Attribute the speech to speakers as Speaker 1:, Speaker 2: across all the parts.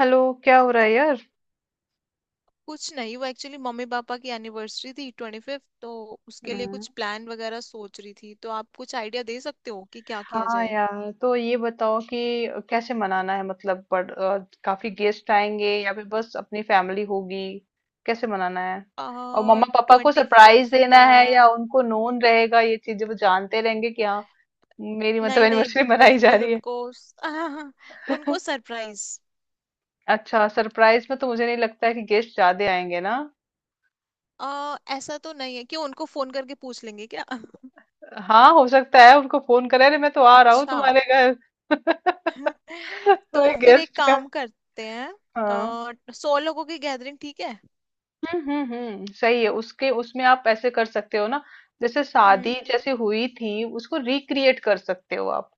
Speaker 1: Hello. क्या हो रहा है यार?
Speaker 2: कुछ नहीं वो एक्चुअली मम्मी पापा की एनिवर्सरी थी 25th तो उसके लिए
Speaker 1: हम्म,
Speaker 2: कुछ प्लान वगैरह सोच रही थी तो आप कुछ आइडिया दे सकते हो कि क्या किया
Speaker 1: हाँ
Speaker 2: जाए।
Speaker 1: यार तो ये बताओ कि कैसे मनाना है। मतलब काफी गेस्ट आएंगे या फिर बस अपनी फैमिली होगी? कैसे मनाना है?
Speaker 2: आ
Speaker 1: और मम्मा पापा को
Speaker 2: ट्वेंटी
Speaker 1: सरप्राइज
Speaker 2: फिफ्थ
Speaker 1: देना है
Speaker 2: है।
Speaker 1: या उनको नोन रहेगा, ये चीजें वो जानते रहेंगे कि हाँ मेरी मतलब
Speaker 2: नहीं नहीं,
Speaker 1: एनिवर्सरी मनाई जा
Speaker 2: बिल्कुल
Speaker 1: रही है?
Speaker 2: उनको उनको सरप्राइज।
Speaker 1: अच्छा, सरप्राइज में तो मुझे नहीं लगता है कि गेस्ट ज्यादा आएंगे ना।
Speaker 2: आ ऐसा तो नहीं है कि उनको फोन करके पूछ लेंगे क्या।
Speaker 1: हाँ, हो सकता है उनको फोन करें, अरे मैं तो आ रहा हूँ
Speaker 2: अच्छा।
Speaker 1: तुम्हारे घर। कोई
Speaker 2: तो फिर एक
Speaker 1: गेस्ट का।
Speaker 2: काम करते हैं।
Speaker 1: हाँ।
Speaker 2: 100 लोगों की गैदरिंग ठीक है।
Speaker 1: सही है। उसके उसमें आप ऐसे कर सकते हो ना, जैसे
Speaker 2: हम्म।
Speaker 1: शादी जैसे हुई थी उसको रिक्रिएट कर सकते हो आप।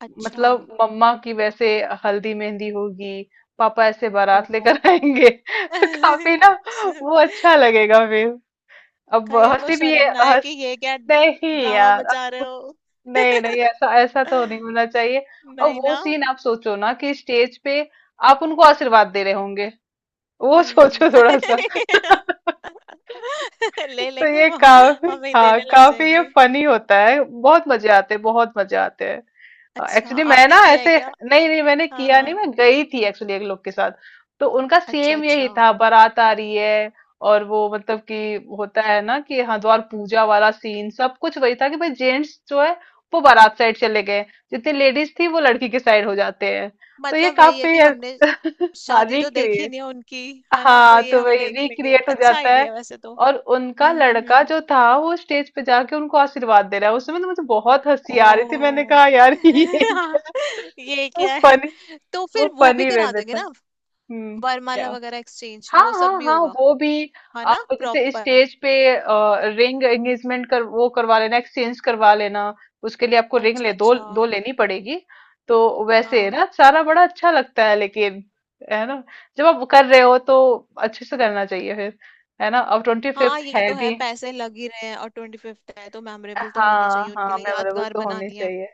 Speaker 2: अच्छा।
Speaker 1: मतलब मम्मा की वैसे हल्दी मेहंदी होगी, पापा ऐसे
Speaker 2: ओ।
Speaker 1: बारात लेकर आएंगे। काफी ना, वो अच्छा लगेगा फिर। अब
Speaker 2: कहीं उनको
Speaker 1: हंसी भी
Speaker 2: शर्म
Speaker 1: है
Speaker 2: ना आए
Speaker 1: हंस।
Speaker 2: कि ये क्या
Speaker 1: नहीं
Speaker 2: ड्रामा
Speaker 1: यार
Speaker 2: मचा रहे
Speaker 1: अब-
Speaker 2: हो।
Speaker 1: नहीं नहीं, ऐसा ऐसा तो नहीं होना चाहिए। और
Speaker 2: नहीं
Speaker 1: वो
Speaker 2: ना।
Speaker 1: सीन आप सोचो ना कि स्टेज पे आप उनको आशीर्वाद दे रहे होंगे, वो
Speaker 2: हम्म।
Speaker 1: सोचो थोड़ा सा।
Speaker 2: ले
Speaker 1: तो
Speaker 2: लेंगे
Speaker 1: ये
Speaker 2: वो।
Speaker 1: काफी।
Speaker 2: हमें ही
Speaker 1: हाँ,
Speaker 2: देने लग
Speaker 1: काफी ये
Speaker 2: जाएंगे।
Speaker 1: फनी होता है, बहुत मजे आते हैं, बहुत मजे आते हैं।
Speaker 2: अच्छा,
Speaker 1: एक्चुअली मैं ना
Speaker 2: आपने किया है
Speaker 1: ऐसे
Speaker 2: क्या?
Speaker 1: नहीं, नहीं मैंने
Speaker 2: हाँ
Speaker 1: किया
Speaker 2: हाँ।
Speaker 1: नहीं, मैं गई थी एक्चुअली एक लोग के साथ। तो उनका
Speaker 2: अच्छा
Speaker 1: सेम यही
Speaker 2: अच्छा।
Speaker 1: था, बारात आ रही है। और वो मतलब कि होता है ना कि हरिद्वार पूजा वाला सीन, सब कुछ वही था कि भाई जेंट्स जो है वो बारात साइड चले गए, जितनी लेडीज थी वो लड़की के साइड हो जाते हैं। तो ये
Speaker 2: मतलब वही है
Speaker 1: काफी
Speaker 2: कि हमने
Speaker 1: हाँ
Speaker 2: शादी तो देखी
Speaker 1: रिक्रिएट।
Speaker 2: नहीं है उनकी। है ना, तो
Speaker 1: हाँ,
Speaker 2: ये
Speaker 1: तो
Speaker 2: हम
Speaker 1: वही
Speaker 2: देख लेंगे,
Speaker 1: रिक्रिएट हो
Speaker 2: अच्छा
Speaker 1: जाता है।
Speaker 2: आइडिया वैसे तो।
Speaker 1: और उनका
Speaker 2: हम्म हम्म
Speaker 1: लड़का
Speaker 2: हम्म।
Speaker 1: जो था वो स्टेज पे जाके उनको आशीर्वाद दे रहा है, उस समय तो मुझे बहुत हंसी आ रही थी, मैंने
Speaker 2: ओ।
Speaker 1: कहा यार ये क्या।
Speaker 2: ये
Speaker 1: वो
Speaker 2: क्या है?
Speaker 1: फनी।
Speaker 2: तो
Speaker 1: वो
Speaker 2: फिर वो भी
Speaker 1: फनी वे
Speaker 2: करा
Speaker 1: में
Speaker 2: देंगे
Speaker 1: था।
Speaker 2: ना।
Speaker 1: हम्म क्या।
Speaker 2: वरमाला वगैरह एक्सचेंज,
Speaker 1: हाँ
Speaker 2: वो
Speaker 1: हाँ
Speaker 2: सब भी
Speaker 1: हाँ,
Speaker 2: होगा।
Speaker 1: वो भी।
Speaker 2: है ना
Speaker 1: आप जैसे
Speaker 2: प्रॉपर।
Speaker 1: स्टेज पे रिंग एंगेजमेंट कर वो करवा लेना, एक्सचेंज करवा लेना। उसके लिए आपको रिंग
Speaker 2: अच्छा
Speaker 1: ले दो
Speaker 2: अच्छा।
Speaker 1: दो लेनी पड़ेगी। तो वैसे है
Speaker 2: हाँ
Speaker 1: ना, सारा बड़ा अच्छा लगता है, लेकिन है ना, जब आप कर रहे हो तो अच्छे से करना चाहिए फिर। है ना, अब ट्वेंटी
Speaker 2: हाँ
Speaker 1: फिफ्थ
Speaker 2: ये
Speaker 1: है
Speaker 2: तो है,
Speaker 1: भी।
Speaker 2: पैसे लग ही रहे हैं और 25th है तो मेमोरेबल तो होनी
Speaker 1: हाँ
Speaker 2: चाहिए, उनके
Speaker 1: हाँ,
Speaker 2: लिए
Speaker 1: मेमोरेबल
Speaker 2: यादगार
Speaker 1: तो होनी
Speaker 2: बनानी है।
Speaker 1: चाहिए।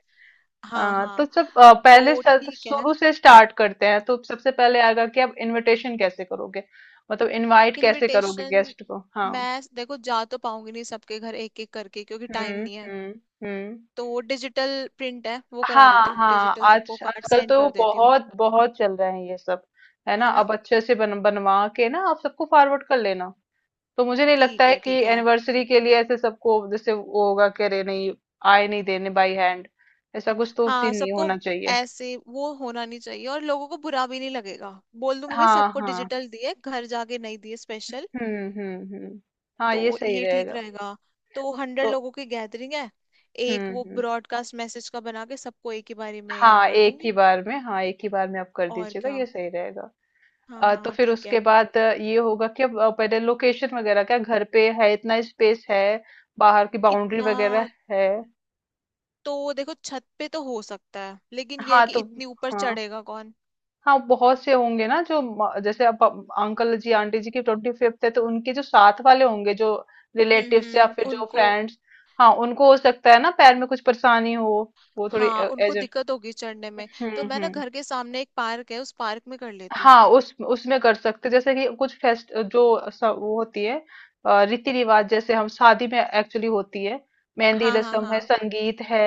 Speaker 2: हाँ
Speaker 1: हाँ तो
Speaker 2: हाँ।
Speaker 1: सब पहले
Speaker 2: तो
Speaker 1: सब
Speaker 2: ठीक है।
Speaker 1: शुरू से स्टार्ट करते हैं, तो सबसे पहले आएगा कि आप इनविटेशन कैसे करोगे? मतलब इनवाइट कैसे करोगे
Speaker 2: इनविटेशन।
Speaker 1: गेस्ट को? हाँ।
Speaker 2: मैं देखो, जा तो पाऊंगी नहीं सबके घर एक एक करके क्योंकि टाइम
Speaker 1: हम्म
Speaker 2: नहीं है।
Speaker 1: हम्म हम्म
Speaker 2: तो डिजिटल प्रिंट है वो करा
Speaker 1: हाँ।
Speaker 2: देती हूँ,
Speaker 1: हाँ,
Speaker 2: डिजिटल सबको
Speaker 1: आज
Speaker 2: कार्ड
Speaker 1: आजकल
Speaker 2: सेंड
Speaker 1: तो
Speaker 2: कर देती हूँ।
Speaker 1: बहुत बहुत चल रहे हैं ये सब। है ना,
Speaker 2: है ना।
Speaker 1: अब अच्छे से बन बनवा के ना आप सबको फॉरवर्ड कर लेना। तो मुझे नहीं लगता
Speaker 2: ठीक
Speaker 1: है
Speaker 2: है
Speaker 1: कि
Speaker 2: ठीक है।
Speaker 1: एनिवर्सरी के लिए ऐसे सबको, जैसे वो होगा कि अरे नहीं आए नहीं देने बाई हैंड, ऐसा कुछ तो
Speaker 2: हाँ
Speaker 1: सीन नहीं
Speaker 2: सबको
Speaker 1: होना चाहिए।
Speaker 2: ऐसे वो होना नहीं चाहिए और लोगों को बुरा भी नहीं लगेगा। बोल दूंगी भाई
Speaker 1: हाँ
Speaker 2: सबको
Speaker 1: हाँ।
Speaker 2: डिजिटल दिए, घर जाके नहीं दिए स्पेशल।
Speaker 1: हम्म हम्म हम्म हाँ,
Speaker 2: तो
Speaker 1: ये सही
Speaker 2: ये ठीक
Speaker 1: रहेगा।
Speaker 2: रहेगा। तो हंड्रेड
Speaker 1: तो
Speaker 2: लोगों की गैदरिंग है।
Speaker 1: हम्म
Speaker 2: एक वो
Speaker 1: हम्म
Speaker 2: ब्रॉडकास्ट मैसेज का बना के सबको एक ही बारी में
Speaker 1: हाँ,
Speaker 2: कर
Speaker 1: एक ही
Speaker 2: दूंगी।
Speaker 1: बार में, हाँ एक ही बार में आप कर
Speaker 2: और
Speaker 1: दीजिएगा,
Speaker 2: क्या।
Speaker 1: ये सही रहेगा।
Speaker 2: हाँ
Speaker 1: तो
Speaker 2: हाँ
Speaker 1: फिर
Speaker 2: ठीक
Speaker 1: उसके
Speaker 2: है।
Speaker 1: बाद ये होगा कि पहले लोकेशन वगैरह, क्या घर पे है, इतना स्पेस है, बाहर की बाउंड्री
Speaker 2: इतना।
Speaker 1: वगैरह है?
Speaker 2: तो देखो छत पे तो हो सकता है लेकिन ये है
Speaker 1: हाँ
Speaker 2: कि
Speaker 1: तो
Speaker 2: इतनी ऊपर
Speaker 1: हाँ
Speaker 2: चढ़ेगा कौन।
Speaker 1: हाँ, बहुत से होंगे ना जो जैसे अब अंकल जी आंटी जी की 25th है, तो उनके जो साथ वाले होंगे, जो रिलेटिव्स या फिर जो
Speaker 2: उनको।
Speaker 1: फ्रेंड्स, हाँ उनको हो सकता है ना पैर में कुछ परेशानी हो, वो थोड़ी
Speaker 2: हाँ उनको
Speaker 1: एज।
Speaker 2: दिक्कत होगी चढ़ने में। तो मैं ना,
Speaker 1: हम्म।
Speaker 2: घर के सामने एक पार्क है, उस पार्क में कर लेती हूँ।
Speaker 1: हाँ, उस उसमें कर सकते, जैसे कि कुछ फेस्ट जो वो होती है, रीति रिवाज जैसे हम शादी में एक्चुअली होती है, मेहंदी
Speaker 2: हाँ हाँ
Speaker 1: रसम है,
Speaker 2: हाँ।
Speaker 1: संगीत है,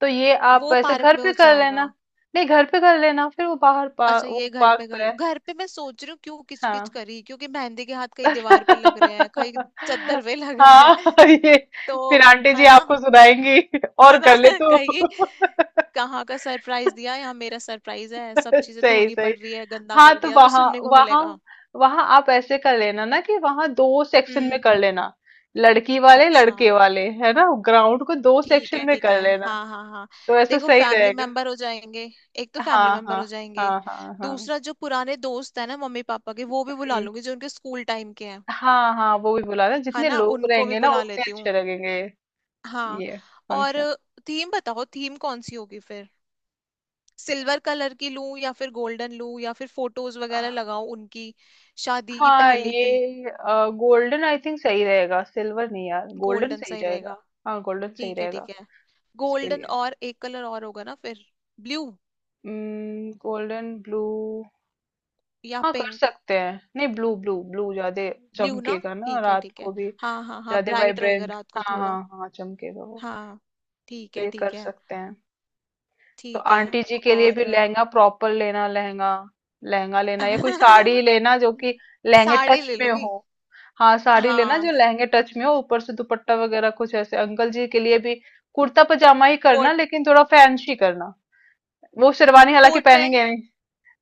Speaker 1: तो ये आप
Speaker 2: वो
Speaker 1: ऐसे
Speaker 2: पार्क
Speaker 1: घर
Speaker 2: में
Speaker 1: पे
Speaker 2: हो
Speaker 1: कर
Speaker 2: जाएगा।
Speaker 1: लेना। नहीं, घर पे कर लेना फिर वो बाहर
Speaker 2: अच्छा ये
Speaker 1: वो
Speaker 2: घर
Speaker 1: पार्क
Speaker 2: पे कर
Speaker 1: तो है।
Speaker 2: लूं। घर पे मैं सोच रही हूँ क्यों, किचकिच
Speaker 1: हाँ
Speaker 2: करी क्योंकि मेहंदी के हाथ कहीं दीवार पे लग रहे हैं, कहीं चद्दर पे लग रहे हैं
Speaker 1: हाँ ये
Speaker 2: तो।
Speaker 1: फिर आंटी जी
Speaker 2: है ना।
Speaker 1: आपको सुनाएंगी, और
Speaker 2: है ना
Speaker 1: कर ले तू।
Speaker 2: कहेगी। कहाँ का सरप्राइज दिया, यहाँ मेरा सरप्राइज है, सब चीजें
Speaker 1: सही
Speaker 2: धोनी
Speaker 1: सही।
Speaker 2: पड़ रही है गंदा
Speaker 1: हाँ
Speaker 2: कर
Speaker 1: तो
Speaker 2: दिया तो
Speaker 1: वहां
Speaker 2: सुनने को
Speaker 1: वहां,
Speaker 2: मिलेगा।
Speaker 1: वहां आप ऐसे कर लेना ना कि वहां दो सेक्शन में कर
Speaker 2: हम्म।
Speaker 1: लेना, लड़की वाले
Speaker 2: अच्छा।
Speaker 1: लड़के वाले, है ना, ग्राउंड को दो
Speaker 2: ठीक है
Speaker 1: सेक्शन में
Speaker 2: ठीक है।
Speaker 1: कर लेना,
Speaker 2: हाँ हाँ हाँ।
Speaker 1: तो ऐसा
Speaker 2: देखो
Speaker 1: सही
Speaker 2: फैमिली
Speaker 1: रहेगा।
Speaker 2: मेंबर हो जाएंगे। एक तो
Speaker 1: हाँ
Speaker 2: फैमिली मेंबर
Speaker 1: हाँ
Speaker 2: हो जाएंगे।
Speaker 1: हाँ हाँ हाँ।
Speaker 2: दूसरा जो पुराने दोस्त है ना मम्मी पापा के, वो भी बुला
Speaker 1: हम्म,
Speaker 2: लूंगी जो उनके स्कूल टाइम के हैं।
Speaker 1: हाँ हाँ, वो भी बुलाना,
Speaker 2: है
Speaker 1: जितने
Speaker 2: ना,
Speaker 1: लोग
Speaker 2: उनको भी
Speaker 1: रहेंगे ना
Speaker 2: बुला
Speaker 1: उतने
Speaker 2: लेती
Speaker 1: अच्छे
Speaker 2: हूँ।
Speaker 1: लगेंगे।
Speaker 2: हाँ।
Speaker 1: ये
Speaker 2: और
Speaker 1: फंक्शन।
Speaker 2: थीम बताओ, थीम कौन सी होगी फिर। सिल्वर कलर की लूं या फिर गोल्डन लूं, या फिर फोटोज वगैरह लगाऊं उनकी शादी की,
Speaker 1: हाँ
Speaker 2: पहले की।
Speaker 1: ये गोल्डन आई थिंक सही रहेगा, सिल्वर नहीं यार, गोल्डन
Speaker 2: गोल्डन
Speaker 1: सही
Speaker 2: सही रहेगा।
Speaker 1: रहेगा। हाँ गोल्डन सही
Speaker 2: ठीक है
Speaker 1: रहेगा।
Speaker 2: ठीक है।
Speaker 1: उसके
Speaker 2: गोल्डन
Speaker 1: लिए
Speaker 2: और एक कलर और होगा ना फिर। Blue
Speaker 1: golden blue.
Speaker 2: या
Speaker 1: हाँ कर
Speaker 2: पिंक।
Speaker 1: सकते हैं, नहीं ब्लू, ब्लू ब्लू ज्यादा
Speaker 2: ब्लू ना।
Speaker 1: चमकेगा ना
Speaker 2: ठीक है
Speaker 1: रात
Speaker 2: ठीक है।
Speaker 1: को भी,
Speaker 2: हाँ हाँ हाँ,
Speaker 1: ज्यादा
Speaker 2: ब्राइट रहेगा
Speaker 1: वाइब्रेंट,
Speaker 2: रात को
Speaker 1: हाँ हाँ
Speaker 2: थोड़ा।
Speaker 1: हाँ चमकेगा वो।
Speaker 2: हाँ। ठीक
Speaker 1: तो
Speaker 2: है
Speaker 1: ये कर
Speaker 2: ठीक है
Speaker 1: सकते हैं। तो
Speaker 2: ठीक है।
Speaker 1: आंटी जी के लिए
Speaker 2: और
Speaker 1: भी लहंगा, प्रॉपर लेना लहंगा। लहंगा लेना या कोई साड़ी लेना जो कि लहंगे
Speaker 2: साड़ी
Speaker 1: टच
Speaker 2: ले
Speaker 1: में
Speaker 2: लूंगी।
Speaker 1: हो। हाँ साड़ी लेना जो
Speaker 2: हाँ।
Speaker 1: लहंगे टच में हो, ऊपर से दुपट्टा वगैरह कुछ ऐसे। अंकल जी के लिए भी कुर्ता पजामा ही करना,
Speaker 2: कोट।
Speaker 1: लेकिन थोड़ा फैंसी करना। वो शेरवानी हालांकि
Speaker 2: कोट
Speaker 1: पहनेंगे
Speaker 2: पैंट।
Speaker 1: नहीं।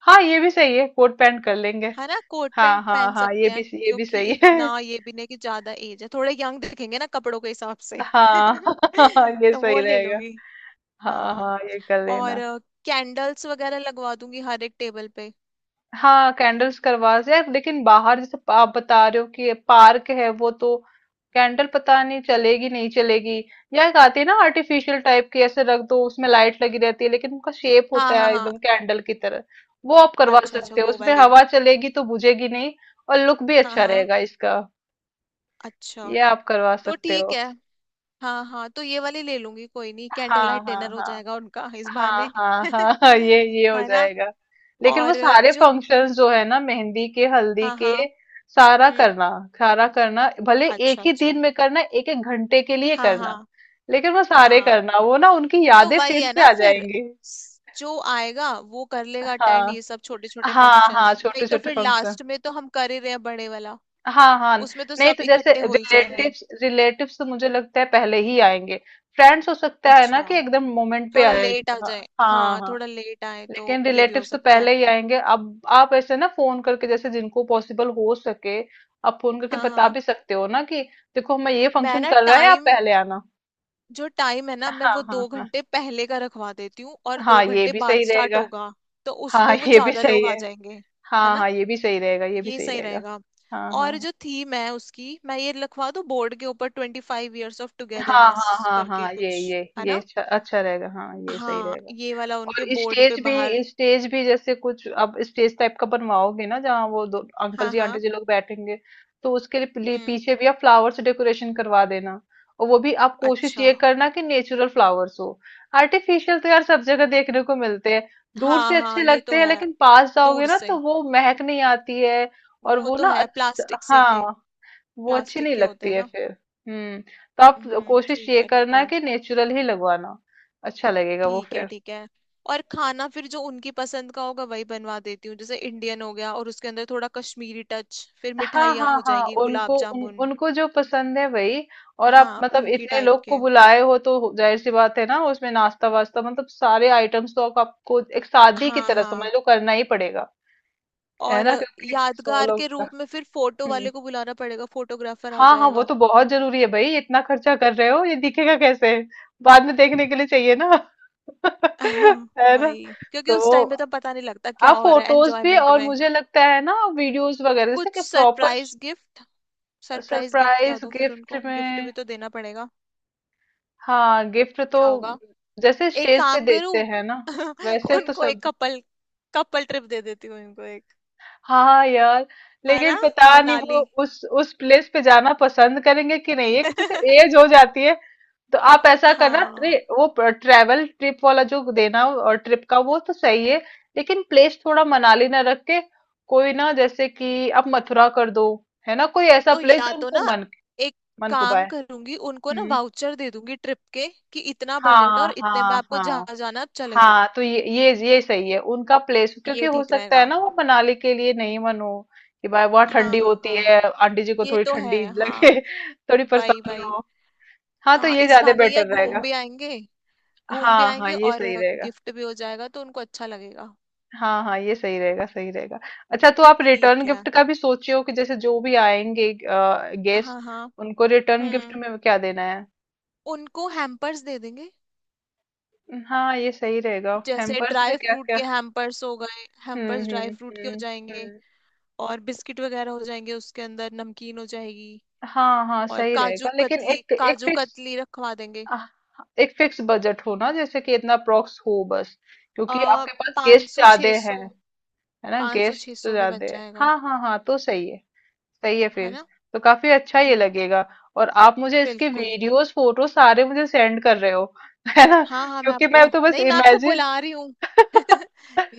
Speaker 1: हाँ ये भी सही है, कोट पैंट कर लेंगे।
Speaker 2: है ना कोट
Speaker 1: हाँ
Speaker 2: पैंट
Speaker 1: हाँ
Speaker 2: पहन
Speaker 1: हाँ ये
Speaker 2: सकते हैं,
Speaker 1: भी, ये भी
Speaker 2: क्योंकि
Speaker 1: सही है।
Speaker 2: इतना ये भी नहीं कि ज्यादा एज है, थोड़े यंग दिखेंगे ना कपड़ों के हिसाब से।
Speaker 1: हाँ ये
Speaker 2: तो वो
Speaker 1: सही
Speaker 2: ले
Speaker 1: रहेगा।
Speaker 2: लूंगी।
Speaker 1: हाँ
Speaker 2: हाँ।
Speaker 1: हाँ ये कर
Speaker 2: और
Speaker 1: लेना।
Speaker 2: कैंडल्स वगैरह लगवा दूंगी हर एक टेबल पे।
Speaker 1: हाँ कैंडल्स करवा से यार, लेकिन बाहर जैसे आप बता रहे हो कि ये पार्क है, वो तो कैंडल पता नहीं चलेगी, नहीं चलेगी। या एक आती है ना आर्टिफिशियल टाइप की, ऐसे रख दो, उसमें लाइट लगी रहती है लेकिन उनका शेप
Speaker 2: हाँ
Speaker 1: होता
Speaker 2: हाँ
Speaker 1: है
Speaker 2: हाँ।
Speaker 1: एकदम कैंडल की तरह, वो आप करवा
Speaker 2: अच्छा अच्छा,
Speaker 1: सकते हो,
Speaker 2: वो
Speaker 1: उसमें
Speaker 2: वाली।
Speaker 1: हवा चलेगी तो बुझेगी नहीं, और लुक भी
Speaker 2: हाँ
Speaker 1: अच्छा
Speaker 2: हाँ।
Speaker 1: रहेगा इसका।
Speaker 2: अच्छा।
Speaker 1: ये आप करवा
Speaker 2: तो
Speaker 1: सकते
Speaker 2: ठीक
Speaker 1: हो।
Speaker 2: है। हाँ हाँ तो ये वाली ले लूंगी, कोई नहीं, कैंडल
Speaker 1: हाँ
Speaker 2: लाइट
Speaker 1: हाँ
Speaker 2: डिनर हो
Speaker 1: हाँ
Speaker 2: जाएगा उनका इस
Speaker 1: हाँ
Speaker 2: बहाने।
Speaker 1: हाँ हाँ हाँ, ये हो
Speaker 2: है ना।
Speaker 1: जाएगा। लेकिन वो
Speaker 2: और
Speaker 1: सारे
Speaker 2: जो।
Speaker 1: फंक्शंस जो है ना, मेहंदी के, हल्दी
Speaker 2: हाँ
Speaker 1: के,
Speaker 2: हाँ।
Speaker 1: सारा
Speaker 2: हम्म।
Speaker 1: करना। सारा करना भले
Speaker 2: अच्छा
Speaker 1: एक ही दिन
Speaker 2: अच्छा।
Speaker 1: में करना, एक एक घंटे के लिए
Speaker 2: हाँ
Speaker 1: करना,
Speaker 2: हाँ
Speaker 1: लेकिन वो सारे
Speaker 2: हाँ।
Speaker 1: करना, वो ना उनकी
Speaker 2: तो
Speaker 1: यादें
Speaker 2: वही
Speaker 1: फिर
Speaker 2: है
Speaker 1: से
Speaker 2: ना
Speaker 1: आ
Speaker 2: फिर।
Speaker 1: जाएंगी।
Speaker 2: जो आएगा वो कर लेगा अटेंड
Speaker 1: हाँ
Speaker 2: ये सब छोटे छोटे
Speaker 1: हाँ हाँ
Speaker 2: फंक्शंस, नहीं
Speaker 1: छोटे
Speaker 2: तो
Speaker 1: छोटे
Speaker 2: फिर
Speaker 1: फंक्शन।
Speaker 2: लास्ट में तो हम कर ही रहे हैं बड़े वाला।
Speaker 1: हाँ हाँ।
Speaker 2: उसमें तो
Speaker 1: नहीं
Speaker 2: सब
Speaker 1: तो जैसे
Speaker 2: इकट्ठे हो ही जाएंगे।
Speaker 1: रिलेटिव्स रिलेटिव्स तो मुझे लगता है पहले ही आएंगे, फ्रेंड्स हो सकता है ना
Speaker 2: अच्छा।
Speaker 1: कि एकदम मोमेंट पे
Speaker 2: थोड़ा
Speaker 1: आए।
Speaker 2: लेट आ
Speaker 1: हाँ
Speaker 2: जाए, हाँ
Speaker 1: हाँ।
Speaker 2: थोड़ा लेट आए तो
Speaker 1: लेकिन
Speaker 2: ये भी हो
Speaker 1: रिलेटिव्स तो
Speaker 2: सकता है।
Speaker 1: पहले ही आएंगे, अब आप ऐसे ना फोन करके, जैसे जिनको पॉसिबल हो सके, आप फोन करके
Speaker 2: हाँ
Speaker 1: बता
Speaker 2: हाँ।
Speaker 1: भी सकते हो ना कि देखो हम ये
Speaker 2: मैं
Speaker 1: फंक्शन
Speaker 2: ना
Speaker 1: कर रहे हैं, आप
Speaker 2: टाइम,
Speaker 1: पहले आना।
Speaker 2: जो टाइम है ना मैं
Speaker 1: हाँ
Speaker 2: वो
Speaker 1: हाँ
Speaker 2: दो
Speaker 1: हाँ।
Speaker 2: घंटे पहले का रखवा देती हूँ और दो
Speaker 1: हाँ ये
Speaker 2: घंटे
Speaker 1: भी
Speaker 2: बाद
Speaker 1: सही
Speaker 2: स्टार्ट
Speaker 1: रहेगा।
Speaker 2: होगा। तो उसमें
Speaker 1: हाँ
Speaker 2: वो
Speaker 1: ये भी
Speaker 2: ज्यादा
Speaker 1: सही
Speaker 2: लोग आ
Speaker 1: है।
Speaker 2: जाएंगे। है
Speaker 1: हाँ
Speaker 2: ना,
Speaker 1: हाँ ये भी सही रहेगा, ये भी
Speaker 2: ये
Speaker 1: सही
Speaker 2: सही
Speaker 1: रहेगा।
Speaker 2: रहेगा।
Speaker 1: हाँ हाँ।
Speaker 2: और जो थीम है, उसकी मैं ये लिखवा दूँ बोर्ड के ऊपर 25 ईयर्स ऑफ
Speaker 1: हाँ
Speaker 2: टुगेदरनेस
Speaker 1: हाँ हाँ हाँ
Speaker 2: करके
Speaker 1: हाँ, ये
Speaker 2: कुछ,
Speaker 1: ये
Speaker 2: है
Speaker 1: ये
Speaker 2: ना।
Speaker 1: अच्छा अच्छा रहेगा, हाँ ये सही
Speaker 2: हाँ
Speaker 1: रहेगा।
Speaker 2: ये वाला
Speaker 1: और
Speaker 2: उनके बोर्ड पे
Speaker 1: स्टेज
Speaker 2: बाहर।
Speaker 1: भी, स्टेज भी जैसे कुछ आप स्टेज टाइप का बनवाओगे ना जहाँ वो दो अंकल
Speaker 2: हाँ
Speaker 1: जी आंटी
Speaker 2: हाँ।
Speaker 1: जी लोग बैठेंगे, तो उसके लिए
Speaker 2: हम्म।
Speaker 1: पीछे भी आप फ्लावर से डेकोरेशन करवा देना, और वो भी आप कोशिश
Speaker 2: अच्छा।
Speaker 1: ये करना कि नेचुरल फ्लावर्स हो। आर्टिफिशियल तो यार सब जगह देखने को मिलते हैं, दूर
Speaker 2: हाँ
Speaker 1: से
Speaker 2: हाँ
Speaker 1: अच्छे
Speaker 2: ये
Speaker 1: लगते
Speaker 2: तो
Speaker 1: हैं
Speaker 2: है।
Speaker 1: लेकिन पास जाओगे
Speaker 2: दूर
Speaker 1: ना तो
Speaker 2: से।
Speaker 1: वो महक नहीं आती है, और
Speaker 2: वो
Speaker 1: वो
Speaker 2: तो
Speaker 1: ना,
Speaker 2: है,
Speaker 1: अच्छा
Speaker 2: प्लास्टिक से के।
Speaker 1: हाँ, वो अच्छी
Speaker 2: प्लास्टिक
Speaker 1: नहीं
Speaker 2: के होते
Speaker 1: लगती
Speaker 2: हैं
Speaker 1: है
Speaker 2: ना।
Speaker 1: फिर। हम्म। तो आप कोशिश
Speaker 2: ठीक
Speaker 1: ये
Speaker 2: है ठीक
Speaker 1: करना
Speaker 2: है।
Speaker 1: कि नेचुरल ही लगवाना, अच्छा लगेगा वो।
Speaker 2: ठीक है ठीक है। और खाना फिर जो उनकी पसंद का होगा वही बनवा देती हूँ, जैसे इंडियन हो गया और उसके अंदर थोड़ा कश्मीरी टच, फिर
Speaker 1: हाँ
Speaker 2: मिठाइयाँ
Speaker 1: हाँ
Speaker 2: हो
Speaker 1: हाँ
Speaker 2: जाएंगी, गुलाब
Speaker 1: उनको
Speaker 2: जामुन।
Speaker 1: उनको जो पसंद है वही। और आप
Speaker 2: हाँ
Speaker 1: मतलब
Speaker 2: उनकी
Speaker 1: इतने
Speaker 2: टाइप
Speaker 1: लोग को
Speaker 2: के।
Speaker 1: बुलाए हो तो जाहिर सी बात है ना, उसमें नाश्ता वास्ता मतलब सारे आइटम्स तो आपको एक शादी की
Speaker 2: हाँ
Speaker 1: तरह
Speaker 2: हाँ।
Speaker 1: समझ लो, करना ही पड़ेगा, है
Speaker 2: और
Speaker 1: ना, क्योंकि 100
Speaker 2: यादगार
Speaker 1: लोग
Speaker 2: के
Speaker 1: का।
Speaker 2: रूप में फिर फोटो
Speaker 1: हम्म।
Speaker 2: वाले को बुलाना पड़ेगा, फोटोग्राफर आ
Speaker 1: हाँ हाँ वो
Speaker 2: जाएगा।
Speaker 1: तो बहुत जरूरी है भाई, इतना खर्चा कर रहे हो, ये दिखेगा कैसे, बाद में देखने के लिए चाहिए ना।
Speaker 2: हाँ,
Speaker 1: है ना।
Speaker 2: वही, क्योंकि उस
Speaker 1: तो
Speaker 2: टाइम पे तो पता नहीं लगता क्या
Speaker 1: आप
Speaker 2: हो रहा है
Speaker 1: फोटोज भी,
Speaker 2: एंजॉयमेंट
Speaker 1: और
Speaker 2: में।
Speaker 1: मुझे लगता है ना वीडियोस वगैरह
Speaker 2: कुछ
Speaker 1: जैसे कि proper.
Speaker 2: Surprise gift. Surprise gift क्या
Speaker 1: सरप्राइज
Speaker 2: दूं फिर,
Speaker 1: गिफ्ट
Speaker 2: उनको गिफ्ट
Speaker 1: में,
Speaker 2: भी तो देना पड़ेगा।
Speaker 1: हाँ गिफ्ट तो
Speaker 2: क्या होगा।
Speaker 1: जैसे
Speaker 2: एक
Speaker 1: स्टेज पे
Speaker 2: काम करूं,
Speaker 1: देते हैं ना, वैसे तो
Speaker 2: उनको
Speaker 1: सब।
Speaker 2: एक कपल कपल ट्रिप दे देती हूँ उनको एक।
Speaker 1: हाँ हाँ, यार,
Speaker 2: है
Speaker 1: लेकिन
Speaker 2: ना।
Speaker 1: पता नहीं वो
Speaker 2: मनाली।
Speaker 1: उस प्लेस पे जाना पसंद करेंगे कि नहीं, है कि जैसे एज हो जाती है, तो आप ऐसा करना
Speaker 2: हाँ
Speaker 1: वो ट्रेवल ट्रिप वाला जो देना हो, और ट्रिप का वो तो सही है, लेकिन प्लेस थोड़ा मनाली ना रख के, कोई ना जैसे कि आप मथुरा कर दो, है ना कोई ऐसा
Speaker 2: तो,
Speaker 1: प्लेस
Speaker 2: या
Speaker 1: जो
Speaker 2: तो
Speaker 1: उनको
Speaker 2: ना
Speaker 1: मन
Speaker 2: एक
Speaker 1: मन को
Speaker 2: काम
Speaker 1: पाए।
Speaker 2: करूंगी उनको ना
Speaker 1: हम्म।
Speaker 2: वाउचर दे दूंगी ट्रिप के। कि इतना बजट,
Speaker 1: हाँ
Speaker 2: और इतने में
Speaker 1: हाँ
Speaker 2: आपको
Speaker 1: हाँ।
Speaker 2: जहाँ जाना आप चले जाओ।
Speaker 1: हाँ तो ये ये सही है उनका प्लेस, क्योंकि
Speaker 2: ये
Speaker 1: हो
Speaker 2: ठीक
Speaker 1: सकता है
Speaker 2: रहेगा।
Speaker 1: ना वो मनाली के लिए नहीं मन हो, कि भाई वहाँ
Speaker 2: हाँ
Speaker 1: ठंडी
Speaker 2: हाँ
Speaker 1: होती
Speaker 2: हाँ।
Speaker 1: है, आंटी जी को
Speaker 2: ये
Speaker 1: थोड़ी
Speaker 2: तो है
Speaker 1: ठंडी लगे,
Speaker 2: हाँ।
Speaker 1: थोड़ी
Speaker 2: वही
Speaker 1: परेशानी
Speaker 2: वही।
Speaker 1: हो। हाँ तो
Speaker 2: हाँ,
Speaker 1: ये
Speaker 2: इस
Speaker 1: ज्यादा
Speaker 2: बहाने ये
Speaker 1: बेटर
Speaker 2: घूम
Speaker 1: रहेगा।
Speaker 2: भी आएंगे। घूम भी
Speaker 1: हाँ हाँ
Speaker 2: आएंगे
Speaker 1: ये
Speaker 2: और
Speaker 1: सही रहेगा।
Speaker 2: गिफ्ट भी हो जाएगा, तो उनको अच्छा लगेगा।
Speaker 1: हाँ हाँ ये सही रहेगा, सही रहेगा। अच्छा, तो आप रिटर्न
Speaker 2: ठीक है।
Speaker 1: गिफ्ट का भी सोचे हो कि जैसे जो भी आएंगे गेस्ट,
Speaker 2: हाँ हाँ।
Speaker 1: उनको रिटर्न गिफ्ट
Speaker 2: हम्म।
Speaker 1: में क्या देना है।
Speaker 2: उनको हैम्पर्स दे देंगे।
Speaker 1: हाँ ये सही रहेगा,
Speaker 2: जैसे
Speaker 1: हैम्पर्स में
Speaker 2: ड्राई
Speaker 1: क्या
Speaker 2: फ्रूट
Speaker 1: क्या।
Speaker 2: के हैम्पर्स हो गए, हैम्पर्स ड्राई फ्रूट के हो
Speaker 1: हम्म।
Speaker 2: जाएंगे।
Speaker 1: हम्म।
Speaker 2: और बिस्किट वगैरह हो जाएंगे, उसके अंदर नमकीन हो जाएगी।
Speaker 1: हाँ हाँ
Speaker 2: और
Speaker 1: सही
Speaker 2: काजू
Speaker 1: रहेगा, लेकिन
Speaker 2: कतली,
Speaker 1: एक एक
Speaker 2: काजू
Speaker 1: फिक्स।
Speaker 2: कतली रखवा देंगे।
Speaker 1: आह, एक फिक्स बजट हो ना, जैसे कि इतना अप्रोक्स हो बस,
Speaker 2: आ
Speaker 1: क्योंकि आपके पास
Speaker 2: पाँच
Speaker 1: गेस्ट
Speaker 2: सौ
Speaker 1: ज्यादा
Speaker 2: छः
Speaker 1: हैं।
Speaker 2: सौ
Speaker 1: है ना,
Speaker 2: पाँच सौ
Speaker 1: गेस्ट
Speaker 2: छः
Speaker 1: तो
Speaker 2: सौ में बन
Speaker 1: ज्यादा है,
Speaker 2: जाएगा।
Speaker 1: हाँ हाँ हाँ तो सही है। सही है
Speaker 2: है
Speaker 1: फिर,
Speaker 2: ना।
Speaker 1: तो काफी अच्छा ये
Speaker 2: हम्म।
Speaker 1: लगेगा। और आप मुझे इसके
Speaker 2: बिल्कुल।
Speaker 1: वीडियोस फोटो सारे मुझे सेंड कर रहे हो। है ना,
Speaker 2: हाँ हाँ मैं
Speaker 1: क्योंकि
Speaker 2: आपको
Speaker 1: मैं तो बस
Speaker 2: नहीं, मैं आपको
Speaker 1: इमेजिन।
Speaker 2: बुला रही हूँ,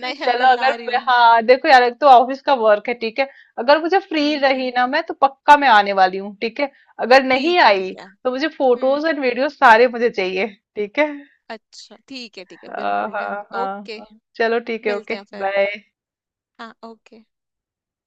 Speaker 2: नहीं मैं
Speaker 1: अगर
Speaker 2: बुला रही
Speaker 1: मैं
Speaker 2: हूँ।
Speaker 1: हाँ, देखो यार एक तो ऑफिस का वर्क है, ठीक है, अगर मुझे फ्री रही
Speaker 2: हम्म।
Speaker 1: ना मैं तो पक्का मैं आने वाली हूँ, ठीक है? अगर नहीं
Speaker 2: ठीक है
Speaker 1: आई
Speaker 2: ठीक है।
Speaker 1: तो मुझे
Speaker 2: हम्म।
Speaker 1: फोटोज एंड वीडियो सारे मुझे चाहिए, ठीक है?
Speaker 2: अच्छा ठीक है ठीक है,
Speaker 1: हाँ
Speaker 2: बिल्कुल
Speaker 1: हाँ
Speaker 2: डन,
Speaker 1: हाँ
Speaker 2: ओके।
Speaker 1: हाँ। चलो ठीक है, ओके,
Speaker 2: मिलते हैं फिर।
Speaker 1: बाय।
Speaker 2: हाँ, ओके।